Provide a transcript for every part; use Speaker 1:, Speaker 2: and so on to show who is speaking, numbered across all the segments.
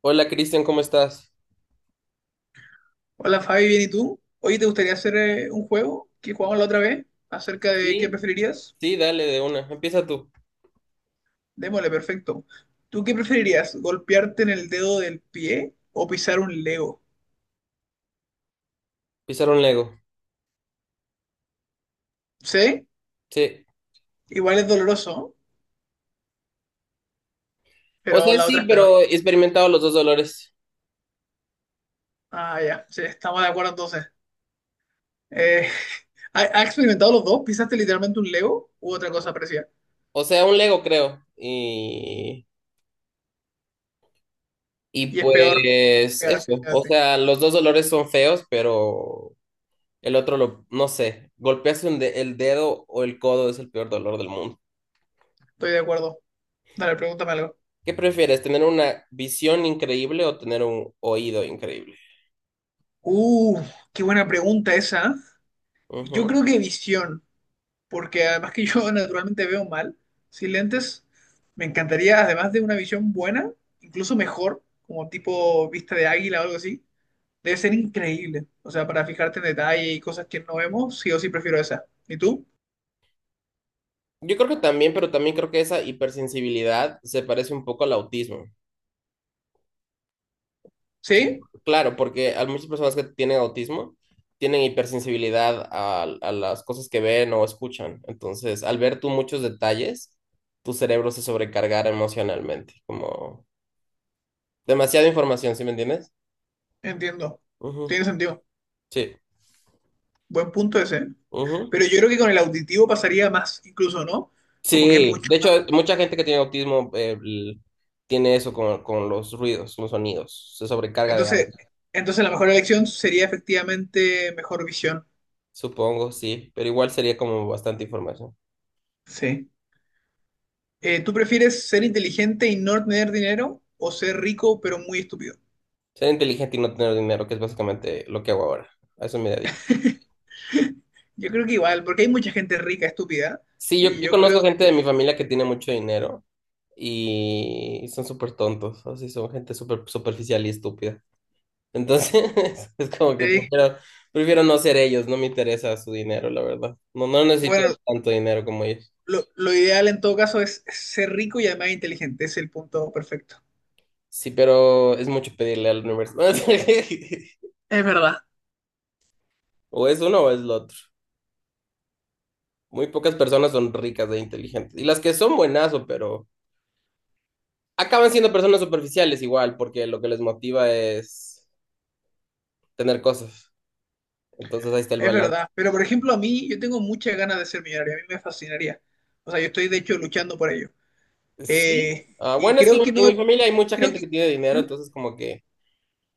Speaker 1: Hola Cristian, ¿cómo estás?
Speaker 2: Hola Fabi, bien, ¿y tú? Hoy ¿te gustaría hacer un juego que jugamos la otra vez acerca de qué
Speaker 1: Sí,
Speaker 2: preferirías?
Speaker 1: sí, dale de una. Empieza tú.
Speaker 2: Démosle, perfecto. ¿Tú qué preferirías? ¿Golpearte en el dedo del pie o pisar un Lego?
Speaker 1: Pisar un Lego.
Speaker 2: ¿Sí?
Speaker 1: Sí.
Speaker 2: Igual es doloroso, ¿no?
Speaker 1: O
Speaker 2: Pero
Speaker 1: sea,
Speaker 2: la otra
Speaker 1: sí,
Speaker 2: es peor.
Speaker 1: pero he experimentado los dos dolores.
Speaker 2: Ah, ya, sí, estamos de acuerdo entonces. Eh, ¿Has experimentado los dos? ¿Pisaste literalmente un Lego u otra cosa parecida?
Speaker 1: O sea, un Lego creo. Y
Speaker 2: Y es peor
Speaker 1: pues
Speaker 2: quedarse
Speaker 1: eso.
Speaker 2: en el
Speaker 1: O
Speaker 2: dedo.
Speaker 1: sea, los dos dolores son feos, pero el otro no sé. Golpearse el dedo o el codo es el peor dolor del mundo.
Speaker 2: Estoy de acuerdo. Dale, pregúntame algo.
Speaker 1: ¿Qué prefieres? ¿Tener una visión increíble o tener un oído increíble?
Speaker 2: Uh, Qué buena pregunta esa. Yo
Speaker 1: Ujú.
Speaker 2: creo que visión, porque además que yo naturalmente veo mal, sin lentes, me encantaría, además de una visión buena, incluso mejor, como tipo vista de águila o algo así, debe ser increíble. O sea, para fijarte en detalle y cosas que no vemos, sí o sí prefiero esa. ¿Y tú?
Speaker 1: Yo creo que también, pero también creo que esa hipersensibilidad se parece un poco al autismo.
Speaker 2: ¿Sí?
Speaker 1: Claro, porque hay muchas personas que tienen autismo tienen hipersensibilidad a las cosas que ven o escuchan. Entonces, al ver tú muchos detalles, tu cerebro se sobrecargará emocionalmente, como demasiada información, ¿sí me entiendes?
Speaker 2: Entiendo.
Speaker 1: Ujú,
Speaker 2: Tiene sentido.
Speaker 1: sí.
Speaker 2: Buen punto ese.
Speaker 1: Ujú.
Speaker 2: Pero yo creo que con el auditivo pasaría más, incluso, ¿no? Como que es
Speaker 1: Sí,
Speaker 2: mucho
Speaker 1: de hecho,
Speaker 2: más.
Speaker 1: mucha gente que tiene autismo tiene eso con los ruidos, los sonidos, se sobrecarga de
Speaker 2: Entonces,
Speaker 1: audio.
Speaker 2: entonces la mejor elección sería efectivamente mejor visión.
Speaker 1: Supongo, sí, pero igual sería como bastante información.
Speaker 2: Sí. ¿Tú prefieres ser inteligente y no tener dinero o ser rico pero muy estúpido?
Speaker 1: Ser inteligente y no tener dinero, que es básicamente lo que hago ahora. A eso me dedico.
Speaker 2: Yo creo que igual, porque hay mucha gente rica, estúpida,
Speaker 1: Sí, yo,
Speaker 2: y
Speaker 1: yo
Speaker 2: yo
Speaker 1: conozco
Speaker 2: creo
Speaker 1: gente de mi
Speaker 2: que,
Speaker 1: familia que tiene mucho dinero y son súper tontos, así son gente súper superficial y estúpida. Entonces, es como que
Speaker 2: sí,
Speaker 1: prefiero no ser ellos, no me interesa su dinero, la verdad. No, no necesito
Speaker 2: bueno,
Speaker 1: tanto dinero como ellos.
Speaker 2: lo ideal en todo caso es ser rico y además inteligente, es el punto perfecto.
Speaker 1: Sí, pero es mucho pedirle al universo.
Speaker 2: Es verdad.
Speaker 1: O es uno o es lo otro. Muy pocas personas son ricas e inteligentes. Y las que son buenazo, pero acaban siendo personas superficiales igual, porque lo que les motiva es tener cosas. Entonces ahí está el
Speaker 2: Es
Speaker 1: balance.
Speaker 2: verdad, pero por ejemplo a mí yo tengo muchas ganas de ser millonario, a mí me fascinaría. O sea, yo estoy de hecho luchando por ello.
Speaker 1: Sí.
Speaker 2: Eh,
Speaker 1: Ah,
Speaker 2: y
Speaker 1: bueno, es que
Speaker 2: creo
Speaker 1: en,
Speaker 2: que no,
Speaker 1: en mi familia hay mucha
Speaker 2: creo
Speaker 1: gente que
Speaker 2: que,
Speaker 1: tiene dinero,
Speaker 2: ¿Mm?
Speaker 1: entonces como que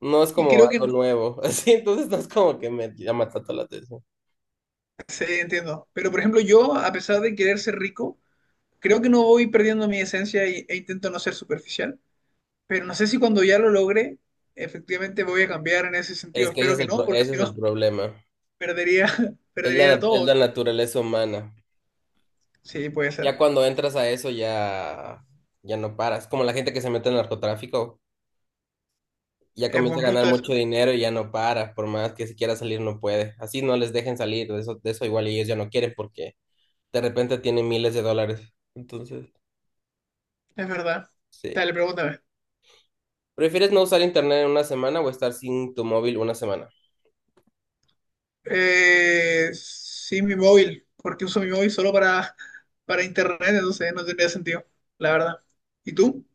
Speaker 1: no es
Speaker 2: Y
Speaker 1: como
Speaker 2: creo que
Speaker 1: algo
Speaker 2: no,
Speaker 1: nuevo, así, entonces no es como que me llama tanto la atención.
Speaker 2: sí, entiendo. Pero por ejemplo yo, a pesar de querer ser rico, creo que no voy perdiendo mi esencia y- e intento no ser superficial, pero no sé si cuando ya lo logre, efectivamente voy a cambiar en ese sentido.
Speaker 1: Es que ese
Speaker 2: Espero que no, porque
Speaker 1: ese
Speaker 2: si
Speaker 1: es el
Speaker 2: no,
Speaker 1: problema,
Speaker 2: perdería,
Speaker 1: es
Speaker 2: perdería
Speaker 1: la,
Speaker 2: a
Speaker 1: es
Speaker 2: todos.
Speaker 1: la naturaleza humana.
Speaker 2: Sí, puede ser.
Speaker 1: Ya cuando entras a eso ya, ya no paras, como la gente que se mete en narcotráfico, ya
Speaker 2: Es
Speaker 1: comienza a
Speaker 2: buen
Speaker 1: ganar
Speaker 2: punto
Speaker 1: mucho
Speaker 2: eso.
Speaker 1: dinero y ya no para, por más que si quiera salir no puede. Así no les dejen salir, de eso igual ellos ya no quieren porque de repente tienen miles de dólares, entonces,
Speaker 2: Es verdad.
Speaker 1: sí.
Speaker 2: Dale, pregúntame.
Speaker 1: ¿Prefieres no usar internet en una semana o estar sin tu móvil una semana?
Speaker 2: Sí, mi móvil, porque uso mi móvil solo para, para internet, entonces no tendría sentido, la verdad. ¿Y tú?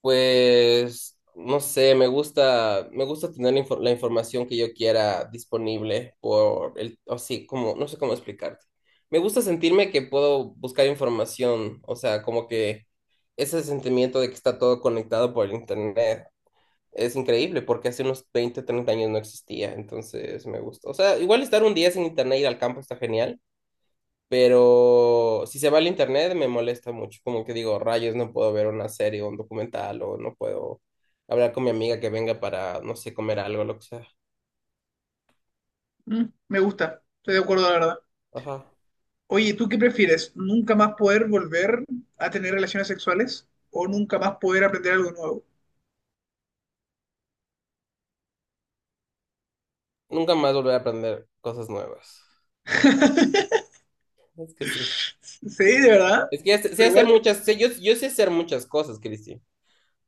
Speaker 1: Pues no sé, me gusta tener la información que yo quiera disponible por el, así como, no sé cómo explicarte. Me gusta sentirme que puedo buscar información, o sea, como que ese sentimiento de que está todo conectado por el internet es increíble porque hace unos 20, 30 años no existía, entonces me gusta. O sea, igual estar un día sin internet, ir al campo está genial. Pero si se va al internet me molesta mucho, como que digo, rayos, no puedo ver una serie o un documental o no puedo hablar con mi amiga que venga para, no sé, comer algo, lo que sea.
Speaker 2: Mm, me gusta, estoy de acuerdo, la verdad.
Speaker 1: Ajá.
Speaker 2: Oye, ¿tú qué prefieres? ¿Nunca más poder volver a tener relaciones sexuales o nunca más poder aprender algo nuevo?
Speaker 1: Nunca más volver a aprender cosas nuevas. Es que sí.
Speaker 2: Sí, de verdad,
Speaker 1: Es que ya sé, sé
Speaker 2: pero
Speaker 1: hacer
Speaker 2: igual
Speaker 1: muchas, sé- yo sé hacer muchas cosas, Cristi.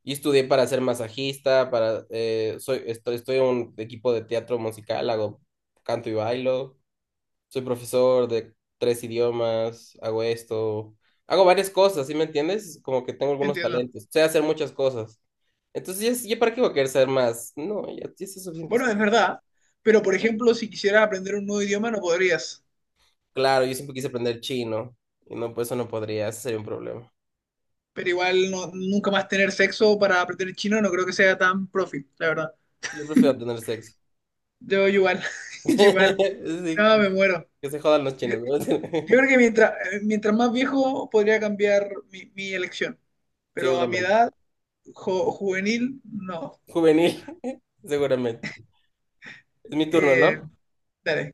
Speaker 1: Y estudié para ser masajista, estoy en un equipo de teatro musical, hago canto y bailo. Soy profesor de tres idiomas, hago esto, hago varias cosas, ¿sí me entiendes? Como que tengo algunos
Speaker 2: entiendo.
Speaker 1: talentos, sé hacer muchas cosas. Entonces, ya, ya ¿para qué voy a querer saber más? No, ya, ya sé suficientes
Speaker 2: Bueno, es
Speaker 1: cosas.
Speaker 2: verdad, pero por ejemplo, si quisieras aprender un nuevo idioma no podrías,
Speaker 1: Claro, yo siempre quise aprender chino y no, pues eso no podría, ese sería un problema.
Speaker 2: pero igual no- nunca más tener sexo para aprender chino no creo que sea tan profit, la verdad.
Speaker 1: Yo prefiero tener sexo.
Speaker 2: Yo igual, yo igual,
Speaker 1: Sí,
Speaker 2: no, me muero.
Speaker 1: que se jodan los
Speaker 2: Yo,
Speaker 1: chinos, ¿no?
Speaker 2: yo creo que mientras, mientras más viejo podría cambiar mi elección, pero a mi
Speaker 1: Seguramente.
Speaker 2: edad, jo- juvenil, no.
Speaker 1: Juvenil, seguramente. Es mi turno,
Speaker 2: Eh,
Speaker 1: ¿no?
Speaker 2: dale.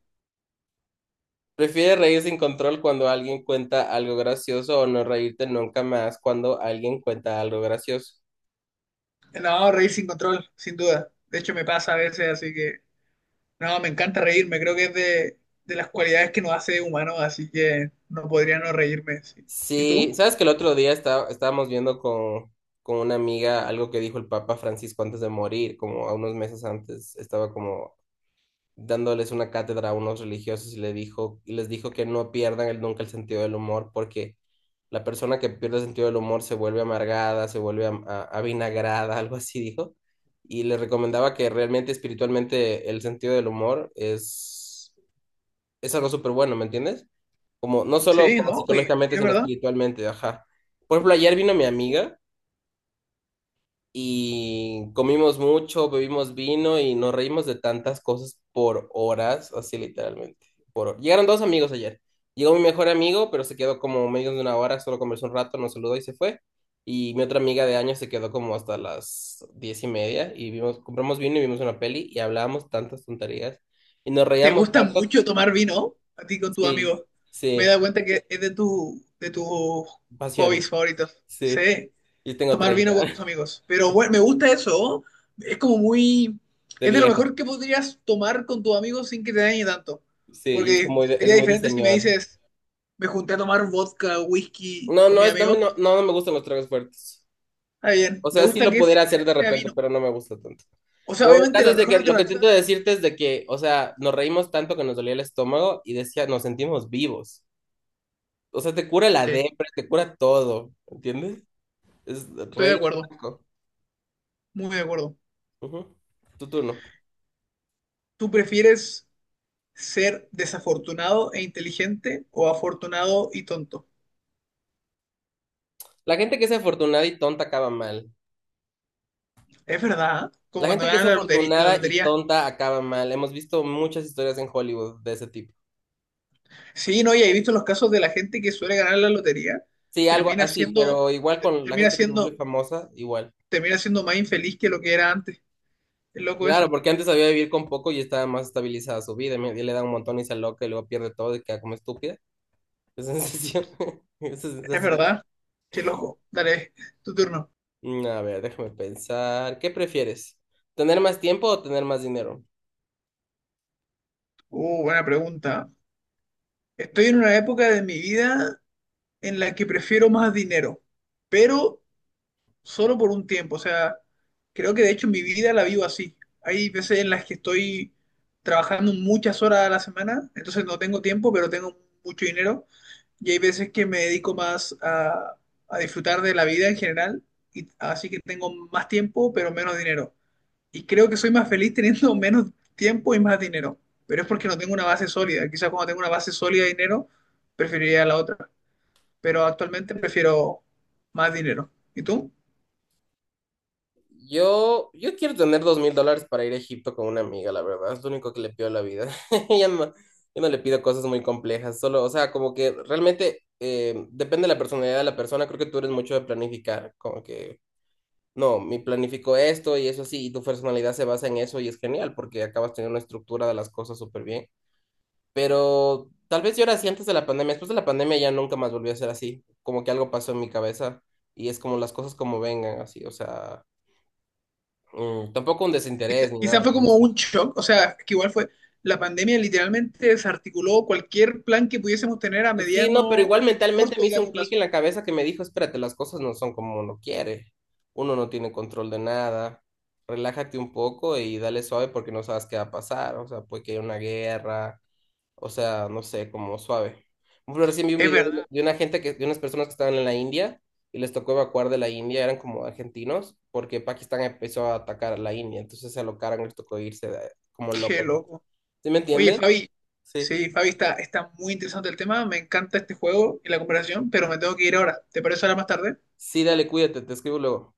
Speaker 1: Prefiere reír sin control cuando alguien cuenta algo gracioso o no reírte nunca más cuando alguien cuenta algo gracioso.
Speaker 2: No, reír sin control, sin duda. De hecho, me pasa a veces, así que no, me encanta reírme. Creo que es de las cualidades que nos hace humanos, así que no podría no reírme. Sí. ¿Y
Speaker 1: Sí,
Speaker 2: tú?
Speaker 1: sabes que el otro día estábamos viendo con una amiga algo que dijo el Papa Francisco antes de morir, como a unos meses antes, estaba como dándoles una cátedra a unos religiosos y, le dijo, y les dijo que no pierdan nunca el sentido del humor porque la persona que pierde el sentido del humor se vuelve amargada, se vuelve avinagrada, algo así dijo. Y les recomendaba que realmente espiritualmente el sentido del humor es algo súper bueno, ¿me entiendes? Como, no solo
Speaker 2: Sí,
Speaker 1: como
Speaker 2: ¿no? Y
Speaker 1: psicológicamente,
Speaker 2: es
Speaker 1: sino
Speaker 2: verdad.
Speaker 1: espiritualmente, ajá. Por ejemplo, ayer vino mi amiga y comimos mucho, bebimos vino y nos reímos de tantas cosas por horas, así literalmente. Llegaron dos amigos ayer. Llegó mi mejor amigo, pero se quedó como menos de una hora, solo conversó un rato, nos saludó y se fue. Y mi otra amiga de años se quedó como hasta las 10:30 y vimos, compramos vino y vimos una peli y hablábamos tantas tonterías y nos
Speaker 2: ¿Te
Speaker 1: reíamos
Speaker 2: gusta
Speaker 1: tanto.
Speaker 2: mucho tomar vino a ti con tus
Speaker 1: Sí,
Speaker 2: amigos? Me he
Speaker 1: sí,
Speaker 2: dado cuenta que es de, tu, de tus
Speaker 1: pasiones,
Speaker 2: hobbies favoritos.
Speaker 1: sí.
Speaker 2: Sí,
Speaker 1: Yo tengo
Speaker 2: tomar vino
Speaker 1: 30
Speaker 2: con tus amigos. Pero bueno, me gusta eso. Es como muy...
Speaker 1: de
Speaker 2: Es de lo
Speaker 1: viejo,
Speaker 2: mejor que podrías tomar con tus amigos sin que te dañe tanto.
Speaker 1: sí, y es
Speaker 2: Porque
Speaker 1: como es
Speaker 2: sería
Speaker 1: muy de
Speaker 2: diferente si me
Speaker 1: señor.
Speaker 2: dices, me junté a tomar vodka, whisky
Speaker 1: No,
Speaker 2: con
Speaker 1: no,
Speaker 2: mi amigo.
Speaker 1: no me gustan los tragos fuertes.
Speaker 2: Está bien,
Speaker 1: O
Speaker 2: me
Speaker 1: sea, sí
Speaker 2: gusta
Speaker 1: lo
Speaker 2: que es-
Speaker 1: pudiera hacer de
Speaker 2: sea
Speaker 1: repente,
Speaker 2: vino.
Speaker 1: pero no me gusta tanto.
Speaker 2: O sea,
Speaker 1: Pero el
Speaker 2: obviamente
Speaker 1: caso
Speaker 2: la
Speaker 1: es de
Speaker 2: mejor
Speaker 1: que lo que intento
Speaker 2: alternativa...
Speaker 1: decirte es de que, o sea, nos reímos tanto que nos dolía el estómago y decía, nos sentimos vivos. O sea, te cura la
Speaker 2: Sí,
Speaker 1: depre, te cura todo, ¿entiendes? Es
Speaker 2: estoy de
Speaker 1: reír. Es
Speaker 2: acuerdo,
Speaker 1: rico.
Speaker 2: muy de acuerdo.
Speaker 1: Ujú. Tu turno.
Speaker 2: ¿Tú prefieres ser desafortunado e inteligente o afortunado y tonto?
Speaker 1: La gente que es afortunada y tonta acaba mal.
Speaker 2: Es verdad, ¿eh? Como
Speaker 1: La
Speaker 2: cuando
Speaker 1: gente que es
Speaker 2: ganan la lotería. La
Speaker 1: afortunada y
Speaker 2: lotería.
Speaker 1: tonta acaba mal. Hemos visto muchas historias en Hollywood de ese tipo.
Speaker 2: Sí, no, y he visto los casos de la gente que suele ganar la lotería,
Speaker 1: Sí, algo
Speaker 2: termina
Speaker 1: así,
Speaker 2: siendo,
Speaker 1: pero igual
Speaker 2: te-
Speaker 1: con la gente que se vuelve famosa, igual.
Speaker 2: termina siendo más infeliz que lo que era antes. Es loco
Speaker 1: Claro,
Speaker 2: eso.
Speaker 1: porque antes sabía vivir con poco y estaba más estabilizada su vida. Y le da un montón y se aloca y luego pierde todo y queda como estúpida. Esa sensación. Esa
Speaker 2: Es
Speaker 1: sensación.
Speaker 2: verdad. Qué loco. Dale, tu turno.
Speaker 1: Mm, a ver, déjame pensar. ¿Qué prefieres? ¿Tener más tiempo o tener más dinero?
Speaker 2: Buena pregunta. Estoy en una época de mi vida en la que prefiero más dinero, pero solo por un tiempo. O sea, creo que de hecho mi vida la vivo así. Hay veces en las que estoy trabajando muchas horas a la semana, entonces no tengo tiempo, pero tengo mucho dinero. Y hay veces que me dedico más a disfrutar de la vida en general, y, así que tengo más tiempo, pero menos dinero. Y creo que soy más feliz teniendo menos tiempo y más dinero, pero es porque no tengo una base sólida. Quizás cuando tengo una base sólida de dinero, preferiría la otra, pero actualmente prefiero más dinero. ¿Y tú?
Speaker 1: Yo quiero tener $2,000 para ir a Egipto con una amiga, la verdad. Es lo único que le pido a la vida. Ya no, yo no le pido cosas muy complejas. Solo, o sea, como que realmente depende de la personalidad de la persona. Creo que tú eres mucho de planificar. Como que no, mi planificó esto y eso así, y tu personalidad se basa en eso y es genial porque acabas teniendo una estructura de las cosas súper bien. Pero tal vez yo era así antes de la pandemia, después de la pandemia ya nunca más volví a ser así, como que algo pasó en mi cabeza y es como las cosas como vengan así, o sea, tampoco un
Speaker 2: Quizá,
Speaker 1: desinterés ni
Speaker 2: quizá
Speaker 1: nada
Speaker 2: fue
Speaker 1: por el
Speaker 2: como un
Speaker 1: estilo.
Speaker 2: shock, o sea, que igual fue, la pandemia literalmente desarticuló cualquier plan que pudiésemos tener a
Speaker 1: Sí, no, pero
Speaker 2: mediano,
Speaker 1: igual mentalmente
Speaker 2: corto
Speaker 1: me
Speaker 2: y
Speaker 1: hizo un
Speaker 2: largo
Speaker 1: clic
Speaker 2: plazo.
Speaker 1: en la cabeza que me dijo, espérate, las cosas no son como uno quiere, uno no tiene control de nada, relájate un poco y dale suave porque no sabes qué va a pasar, o sea, puede que haya una guerra. O sea, no sé, como suave. Por ejemplo, recién vi un
Speaker 2: Es
Speaker 1: video de
Speaker 2: verdad,
Speaker 1: de unas personas que estaban en la India y les tocó evacuar de la India, eran como argentinos, porque Pakistán empezó a atacar a la India, entonces se alocaron y les tocó irse como
Speaker 2: qué
Speaker 1: locos.
Speaker 2: loco.
Speaker 1: ¿Sí me
Speaker 2: Oye,
Speaker 1: entiendes?
Speaker 2: Fabi,
Speaker 1: Sí.
Speaker 2: sí, Fabi, está, está muy interesante el tema, me encanta este juego y la conversación, pero me tengo que ir ahora. ¿Te parece ahora más tarde?
Speaker 1: Sí, dale, cuídate, te escribo luego.